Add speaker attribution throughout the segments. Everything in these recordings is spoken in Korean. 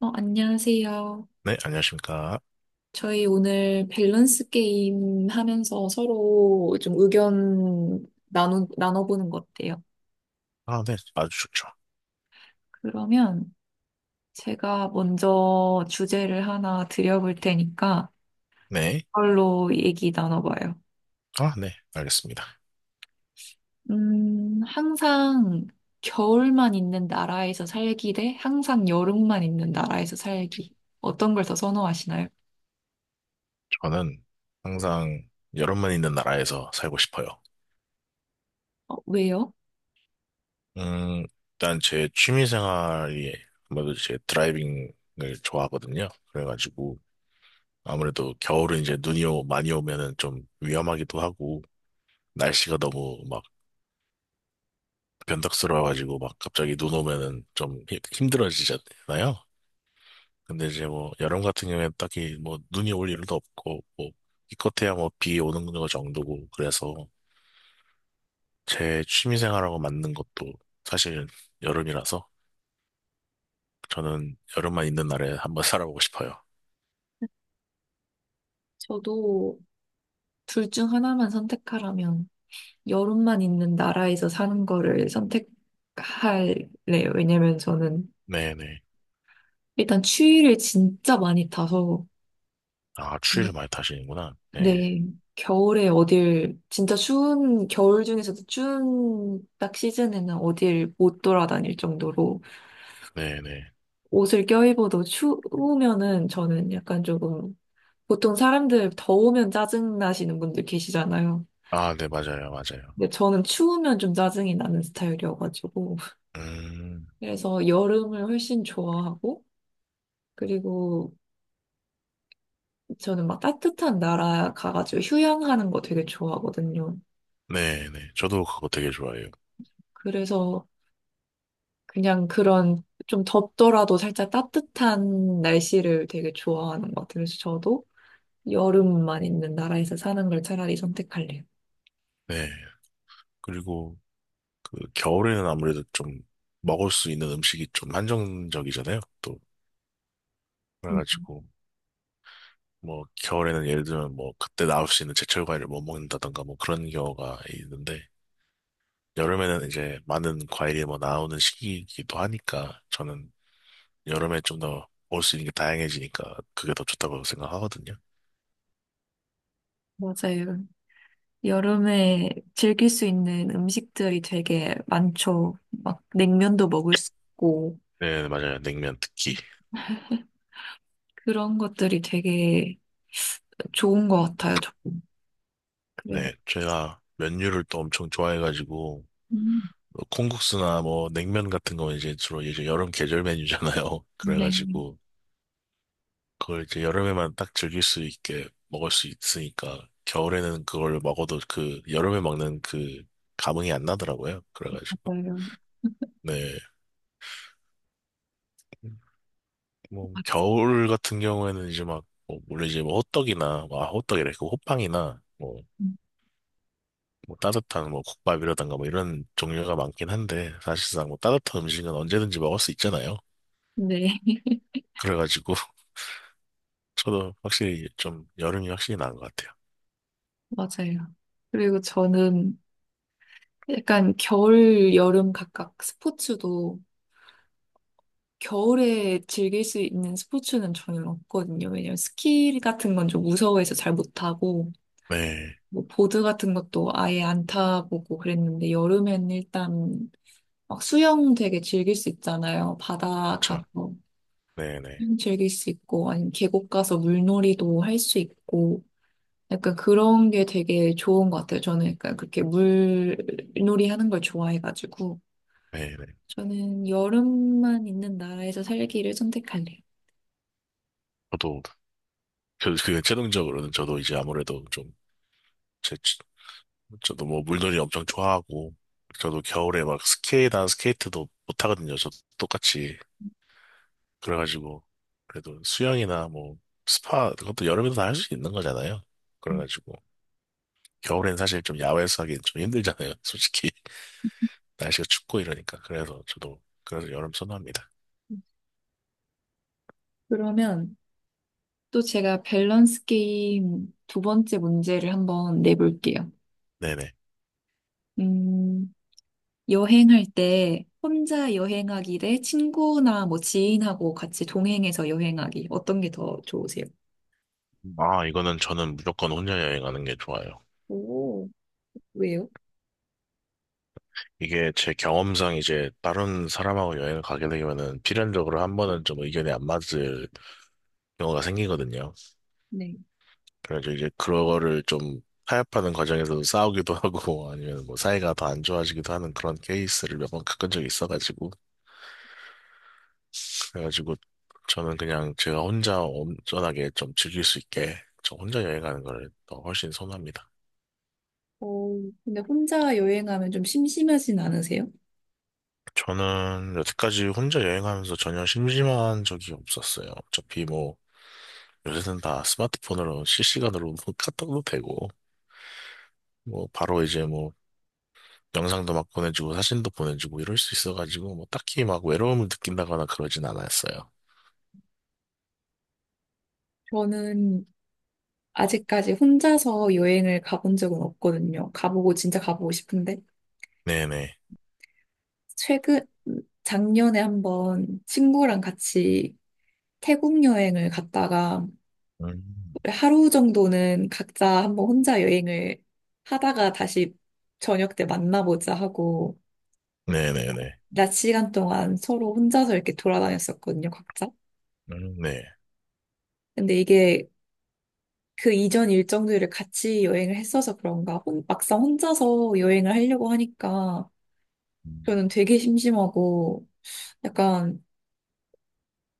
Speaker 1: 안녕하세요.
Speaker 2: 네, 안녕하십니까.
Speaker 1: 저희 오늘 밸런스 게임 하면서 서로 좀 의견 나눠보는 거 어때요?
Speaker 2: 아, 네, 아주 좋죠.
Speaker 1: 그러면 제가 먼저 주제를 하나 드려볼 테니까
Speaker 2: 네.
Speaker 1: 그걸로 얘기 나눠봐요.
Speaker 2: 아, 네, 알겠습니다.
Speaker 1: 항상 겨울만 있는 나라에서 살기 대 항상 여름만 있는 나라에서 살기. 어떤 걸 더 선호하시나요?
Speaker 2: 저는 항상 여름만 있는 나라에서 살고 싶어요.
Speaker 1: 왜요?
Speaker 2: 음, 일단 제 취미 생활이 아무래도 제 드라이빙을 좋아하거든요. 그래가지고 아무래도 겨울은 이제 많이 오면은 좀 위험하기도 하고 날씨가 너무 막 변덕스러워가지고 막 갑자기 눈 오면은 좀 힘들어지잖아요. 근데 이제 뭐 여름 같은 경우에 딱히 뭐 눈이 올 일도 없고 뭐 기껏해야 뭐 비 오는 거 정도고 그래서 제 취미생활하고 맞는 것도 사실은 여름이라서 저는 여름만 있는 날에 한번 살아보고 싶어요.
Speaker 1: 저도 둘 중 하나만 선택하라면 여름만 있는 나라에서 사는 거를 선택할래요. 왜냐면 저는
Speaker 2: 네네.
Speaker 1: 일단 추위를 진짜 많이 타서,
Speaker 2: 아,
Speaker 1: 어,
Speaker 2: 추위를 많이 타시는구나. 네.
Speaker 1: 네, 겨울에 겨울 중에서도 추운 딱 시즌에는 어딜 못 돌아다닐 정도로
Speaker 2: 네네.
Speaker 1: 옷을 껴입어도 추우면은 저는 약간 조금, 보통 사람들 더우면 짜증 나시는 분들 계시잖아요.
Speaker 2: 아, 네, 맞아요, 맞아요.
Speaker 1: 근데 저는 추우면 좀 짜증이 나는 스타일이어가지고.
Speaker 2: 음.
Speaker 1: 그래서 여름을 훨씬 좋아하고, 그리고 저는 막 따뜻한 나라 가가지고 휴양하는 거 되게 좋아하거든요.
Speaker 2: 네네. 저도 그거 되게 좋아해요.
Speaker 1: 그래서 그냥 그런 좀 덥더라도 살짝 따뜻한 날씨를 되게 좋아하는 것 같아요. 그래서 저도 여름만 있는 나라에서 사는 걸 차라리 선택할래요.
Speaker 2: 네. 그리고 그 겨울에는 아무래도 좀 먹을 수 있는 음식이 좀 한정적이잖아요. 또
Speaker 1: 음,
Speaker 2: 그래가지고 뭐 겨울에는 예를 들면 뭐 그때 나올 수 있는 제철 과일을 못 먹는다던가 뭐 그런 경우가 있는데 여름에는 이제 많은 과일이 뭐 나오는 시기이기도 하니까 저는 여름에 좀 더 먹을 수 있는 게 다양해지니까 그게 더 좋다고 생각하거든요.
Speaker 1: 맞아요. 여름에 즐길 수 있는 음식들이 되게 많죠. 막 냉면도 먹을 수 있고
Speaker 2: 네, 맞아요. 냉면 특히.
Speaker 1: 그런 것들이 되게 좋은 것 같아요, 저는. 그래서
Speaker 2: 네, 제가 면류를 또 엄청 좋아해가지고
Speaker 1: 음.
Speaker 2: 뭐 콩국수나 뭐 냉면 같은 거 이제 주로 이제 여름 계절 메뉴잖아요.
Speaker 1: 네,
Speaker 2: 그래가지고 그걸 이제 여름에만 딱 즐길 수 있게 먹을 수 있으니까 겨울에는 그걸 먹어도 그 여름에 먹는 그 감흥이 안 나더라고요. 그래가지고
Speaker 1: 맞아요.
Speaker 2: 네. 뭐
Speaker 1: 아,
Speaker 2: 겨울 같은 경우에는 이제 막뭐 물론 이제 뭐 호떡이나 뭐 아, 호떡이래 그 호빵이나 뭐,
Speaker 1: 네,
Speaker 2: 뭐 따뜻한 뭐 국밥이라든가 뭐 이런 종류가 많긴 한데 사실상 뭐 따뜻한 음식은 언제든지 먹을 수 있잖아요. 그래가지고 저도 확실히 좀 여름이 확실히 나은 것 같아요.
Speaker 1: 맞아요. 그리고 저는 약간 겨울, 여름 각각 스포츠도 겨울에 즐길 수 있는 스포츠는 저는 없거든요. 왜냐면 스키 같은 건 좀 무서워해서 잘 못하고,
Speaker 2: 네,
Speaker 1: 뭐 보드 같은 것도 아예 안 타보고 그랬는데, 여름엔 일단 막 수영 되게 즐길 수 있잖아요. 바다
Speaker 2: 저,
Speaker 1: 가서
Speaker 2: 네네,
Speaker 1: 수영 즐길 수 있고, 아니면 계곡 가서 물놀이도 할 수 있고, 약간 그런 게 되게 좋은 것 같아요. 저는 약간 그렇게 물놀이 하는 걸 좋아해가지고.
Speaker 2: 네네.
Speaker 1: 저는 여름만 있는 나라에서 살기를 선택할래요.
Speaker 2: 저도 그, 그 최종적으로는 저도 이제 아무래도 좀 제, 저도 뭐 물놀이 엄청 좋아하고 저도 겨울에 막 스케이트나 스케이트도 못 하거든요. 저도 똑같이 그래가지고 그래도 수영이나 뭐 스파 그것도 여름에도 다 할 수 있는 거잖아요.
Speaker 1: 음.
Speaker 2: 그래가지고 겨울엔 사실 좀 야외에서 하기엔 좀 힘들잖아요. 솔직히 날씨가 춥고 이러니까 그래서 저도 그래서 여름 선호합니다.
Speaker 1: 그러면 또 제가 밸런스 게임 두 번째 문제를 한번 내볼게요.
Speaker 2: 네네.
Speaker 1: 음, 여행할 때 혼자 여행하기 대 친구나 뭐 지인하고 같이 동행해서 여행하기. 어떤 게 더 좋으세요?
Speaker 2: 아, 이거는 저는 무조건 혼자 여행하는 게 좋아요.
Speaker 1: 오, 왜요?
Speaker 2: 이게 제 경험상 이제 다른 사람하고 여행을 가게 되면은 필연적으로 한 번은 좀 의견이 안 맞을 경우가 생기거든요.
Speaker 1: 네.
Speaker 2: 그래서 이제 그거를 좀 타협하는 과정에서도 싸우기도 하고 아니면 뭐 사이가 더 안 좋아지기도 하는 그런 케이스를 몇 번 겪은 적이 있어가지고 그래가지고 저는 그냥 제가 혼자 온전하게 좀 즐길 수 있게 저 혼자 여행하는 걸 더 훨씬 선호합니다.
Speaker 1: 어, 근데 혼자 여행하면 좀 심심하진 않으세요?
Speaker 2: 저는 여태까지 혼자 여행하면서 전혀 심심한 적이 없었어요. 어차피 뭐, 요새는 다 스마트폰으로 실시간으로 카톡도 되고, 뭐, 바로 이제 뭐, 영상도 막 보내주고, 사진도 보내주고, 이럴 수 있어가지고, 뭐, 딱히 막 외로움을 느낀다거나 그러진 않았어요.
Speaker 1: 저는 아직까지 혼자서 여행을 가본 적은 없거든요. 가보고 진짜 가보고 싶은데
Speaker 2: 네네.
Speaker 1: 최근 작년에 한번 친구랑 같이 태국 여행을 갔다가
Speaker 2: 음.
Speaker 1: 하루 정도는 각자 한번 혼자 여행을 하다가 다시 저녁 때 만나보자 하고
Speaker 2: 네네네.
Speaker 1: 낮 시간 동안 서로 혼자서 이렇게 돌아다녔었거든요, 각자.
Speaker 2: 음. 네.
Speaker 1: 근데 이게 그 이전 일정들을 같이 여행을 했어서 그런가 막상 혼자서 여행을 하려고 하니까
Speaker 2: 음.
Speaker 1: 저는 되게 심심하고 약간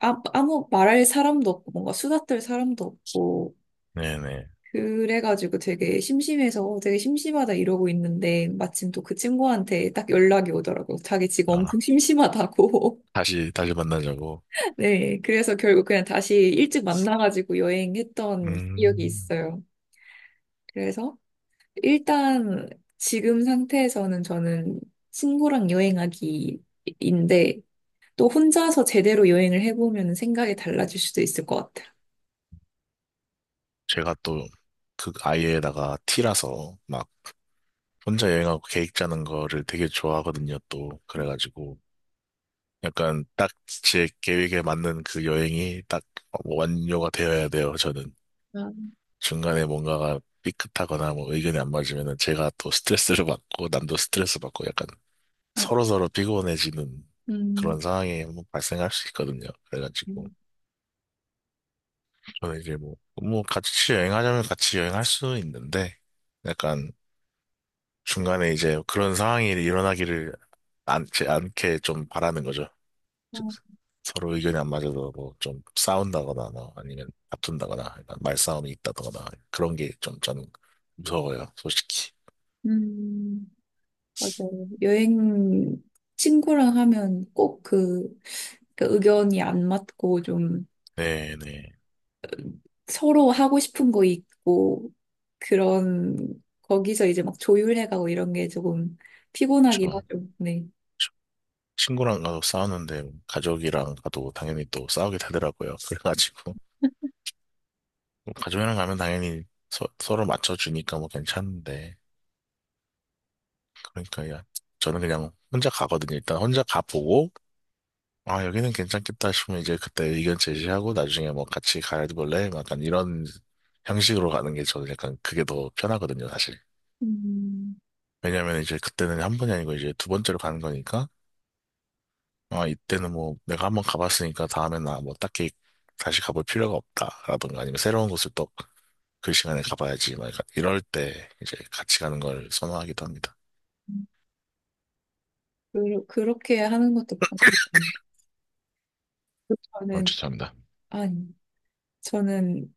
Speaker 1: 아, 아무 말할 사람도 없고 뭔가 수다 떨 사람도 없고
Speaker 2: 네네.
Speaker 1: 그래가지고 되게 심심해서 되게 심심하다 이러고 있는데 마침 또 그 친구한테 딱 연락이 오더라고요. 자기 지금 엄청
Speaker 2: 아,
Speaker 1: 심심하다고.
Speaker 2: 다시, 다시 만나자고.
Speaker 1: 네, 그래서 결국 그냥 다시 일찍 만나가지고 여행했던 기억이
Speaker 2: 음.
Speaker 1: 있어요. 그래서 일단 지금 상태에서는 저는 친구랑 여행하기인데 또 혼자서 제대로 여행을 해보면 생각이 달라질 수도 있을 것 같아요.
Speaker 2: 제가 또, 그 아이에다가 T라서, 막, 혼자 여행하고 계획 짜는 거를 되게 좋아하거든요, 또. 그래가지고, 약간 딱 제 계획에 맞는 그 여행이 딱 어, 완료가 되어야 돼요, 저는.
Speaker 1: 아,
Speaker 2: 중간에 뭔가가 삐끗하거나 뭐 의견이 안 맞으면은 제가 또 스트레스를 받고, 남도 스트레스 받고, 약간
Speaker 1: 아,
Speaker 2: 서로서로 피곤해지는
Speaker 1: 음,
Speaker 2: 그런 상황이 한번 발생할 수 있거든요. 그래가지고,
Speaker 1: 음,
Speaker 2: 저는 이제 뭐, 뭐 같이 여행하자면 같이 여행할 수 있는데, 약간 중간에 이제 그런 상황이 일어나기를 않지 않게 좀 바라는 거죠. 즉,
Speaker 1: 아,
Speaker 2: 서로 의견이 안 맞아서 뭐 좀 싸운다거나 뭐 아니면 다툰다거나 약간 말싸움이 있다거나 그런 게 좀 저는 무서워요, 솔직히.
Speaker 1: 음, 맞아요. 여행 친구랑 하면 꼭 그 의견이 안 맞고 좀
Speaker 2: 네네.
Speaker 1: 서로 하고 싶은 거 있고 그런 거기서 이제 막 조율해가고 이런 게 조금 피곤하긴
Speaker 2: 저,
Speaker 1: 하죠. 네.
Speaker 2: 저 친구랑 가도 싸우는데 가족이랑 가도 당연히 또 싸우게 되더라고요. 그래가지고 뭐 가족이랑 가면 당연히 서로 맞춰주니까 뭐 괜찮은데 그러니까 야, 저는 그냥 혼자 가거든요. 일단 혼자 가보고 아, 여기는 괜찮겠다 싶으면 이제 그때 의견 제시하고 나중에 뭐 같이 가볼래? 약간 이런 형식으로 가는 게 저는 약간 그게 더 편하거든요, 사실.
Speaker 1: 음,
Speaker 2: 왜냐면 이제 그때는 한 번이 아니고 이제 두 번째로 가는 거니까, 아, 이때는 뭐 내가 한번 가봤으니까 다음엔 나뭐 딱히 다시 가볼 필요가 없다라든가 아니면 새로운 곳을 또 그 시간에 가봐야지. 막 약간 이럴 때 이제 같이 가는 걸 선호하기도 합니다.
Speaker 1: 그렇게 하는 것도 방법이에요.
Speaker 2: 어,
Speaker 1: 저는,
Speaker 2: 추천합니다.
Speaker 1: 아니, 저는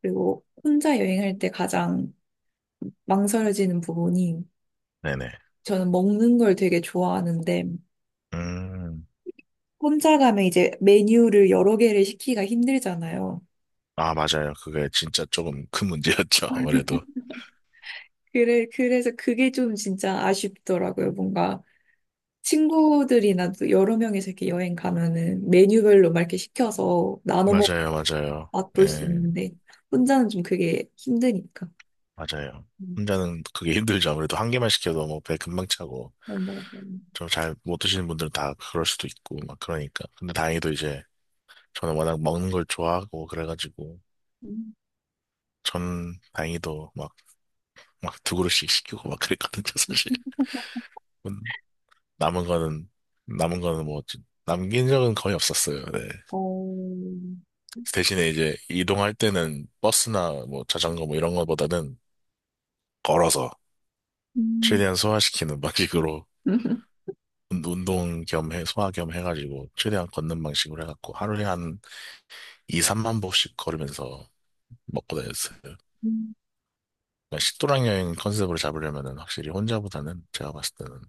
Speaker 1: 그리고 혼자 여행할 때 가장 망설여지는 부분이
Speaker 2: 네네.
Speaker 1: 저는 먹는 걸 되게 좋아하는데
Speaker 2: 음.
Speaker 1: 혼자 가면 이제 메뉴를 여러 개를 시키기가 힘들잖아요.
Speaker 2: 아, 맞아요. 그게 진짜 조금 큰 문제였죠, 아무래도.
Speaker 1: 그래, 그래서 그게 좀 진짜 아쉽더라고요. 뭔가 친구들이나 또 여러 명이서 이렇게 여행 가면은 메뉴별로 막 이렇게 시켜서 나눠 먹고
Speaker 2: 맞아요, 맞아요.
Speaker 1: 맛볼 수
Speaker 2: 예,
Speaker 1: 있는데 혼자는 좀 그게 힘드니까.
Speaker 2: 맞아요.
Speaker 1: 음,
Speaker 2: 혼자는 그게 힘들죠. 아무래도 한 개만 시켜도 뭐 배 금방 차고,
Speaker 1: 그냥 뭐,
Speaker 2: 좀 잘 못 드시는 분들은 다 그럴 수도 있고, 막 그러니까. 근데 다행히도 이제, 저는 워낙 먹는 걸 좋아하고, 그래가지고,
Speaker 1: 음,
Speaker 2: 전 다행히도 막, 막 두 그릇씩 시키고 막 그랬거든요, 사실. 음. 남은 거는, 남은 거는 뭐, 남긴 적은 거의 없었어요, 네.
Speaker 1: 어,
Speaker 2: 대신에 이제, 이동할 때는 버스나 뭐 자전거 뭐 이런 거보다는 걸어서,
Speaker 1: 음.
Speaker 2: 최대한 소화시키는 방식으로, 운동 겸 해, 소화 겸 해가지고 최대한 걷는 방식으로 해갖고 하루에 한 2, 3만 보씩 걸으면서 먹고 다녔어요. 그러니까 식도락 여행 컨셉으로 잡으려면은 확실히 혼자보다는 제가 봤을 때는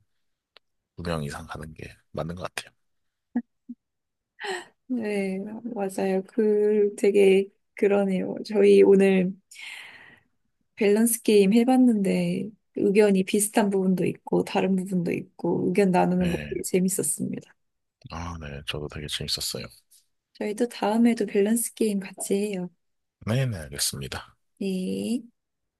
Speaker 2: 2명 이상 가는 게 맞는 것 같아요.
Speaker 1: 네, 맞아요. 그 되게 그러네요. 저희 오늘 밸런스 게임 해봤는데 의견이 비슷한 부분도 있고 다른 부분도 있고 의견 나누는 거 되게
Speaker 2: 네.
Speaker 1: 재밌었습니다.
Speaker 2: 아, 네. 저도 되게 재밌었어요.
Speaker 1: 저희 도 다음에도 밸런스 게임 같이 해요.
Speaker 2: 네네, 알겠습니다.
Speaker 1: 네.
Speaker 2: 네.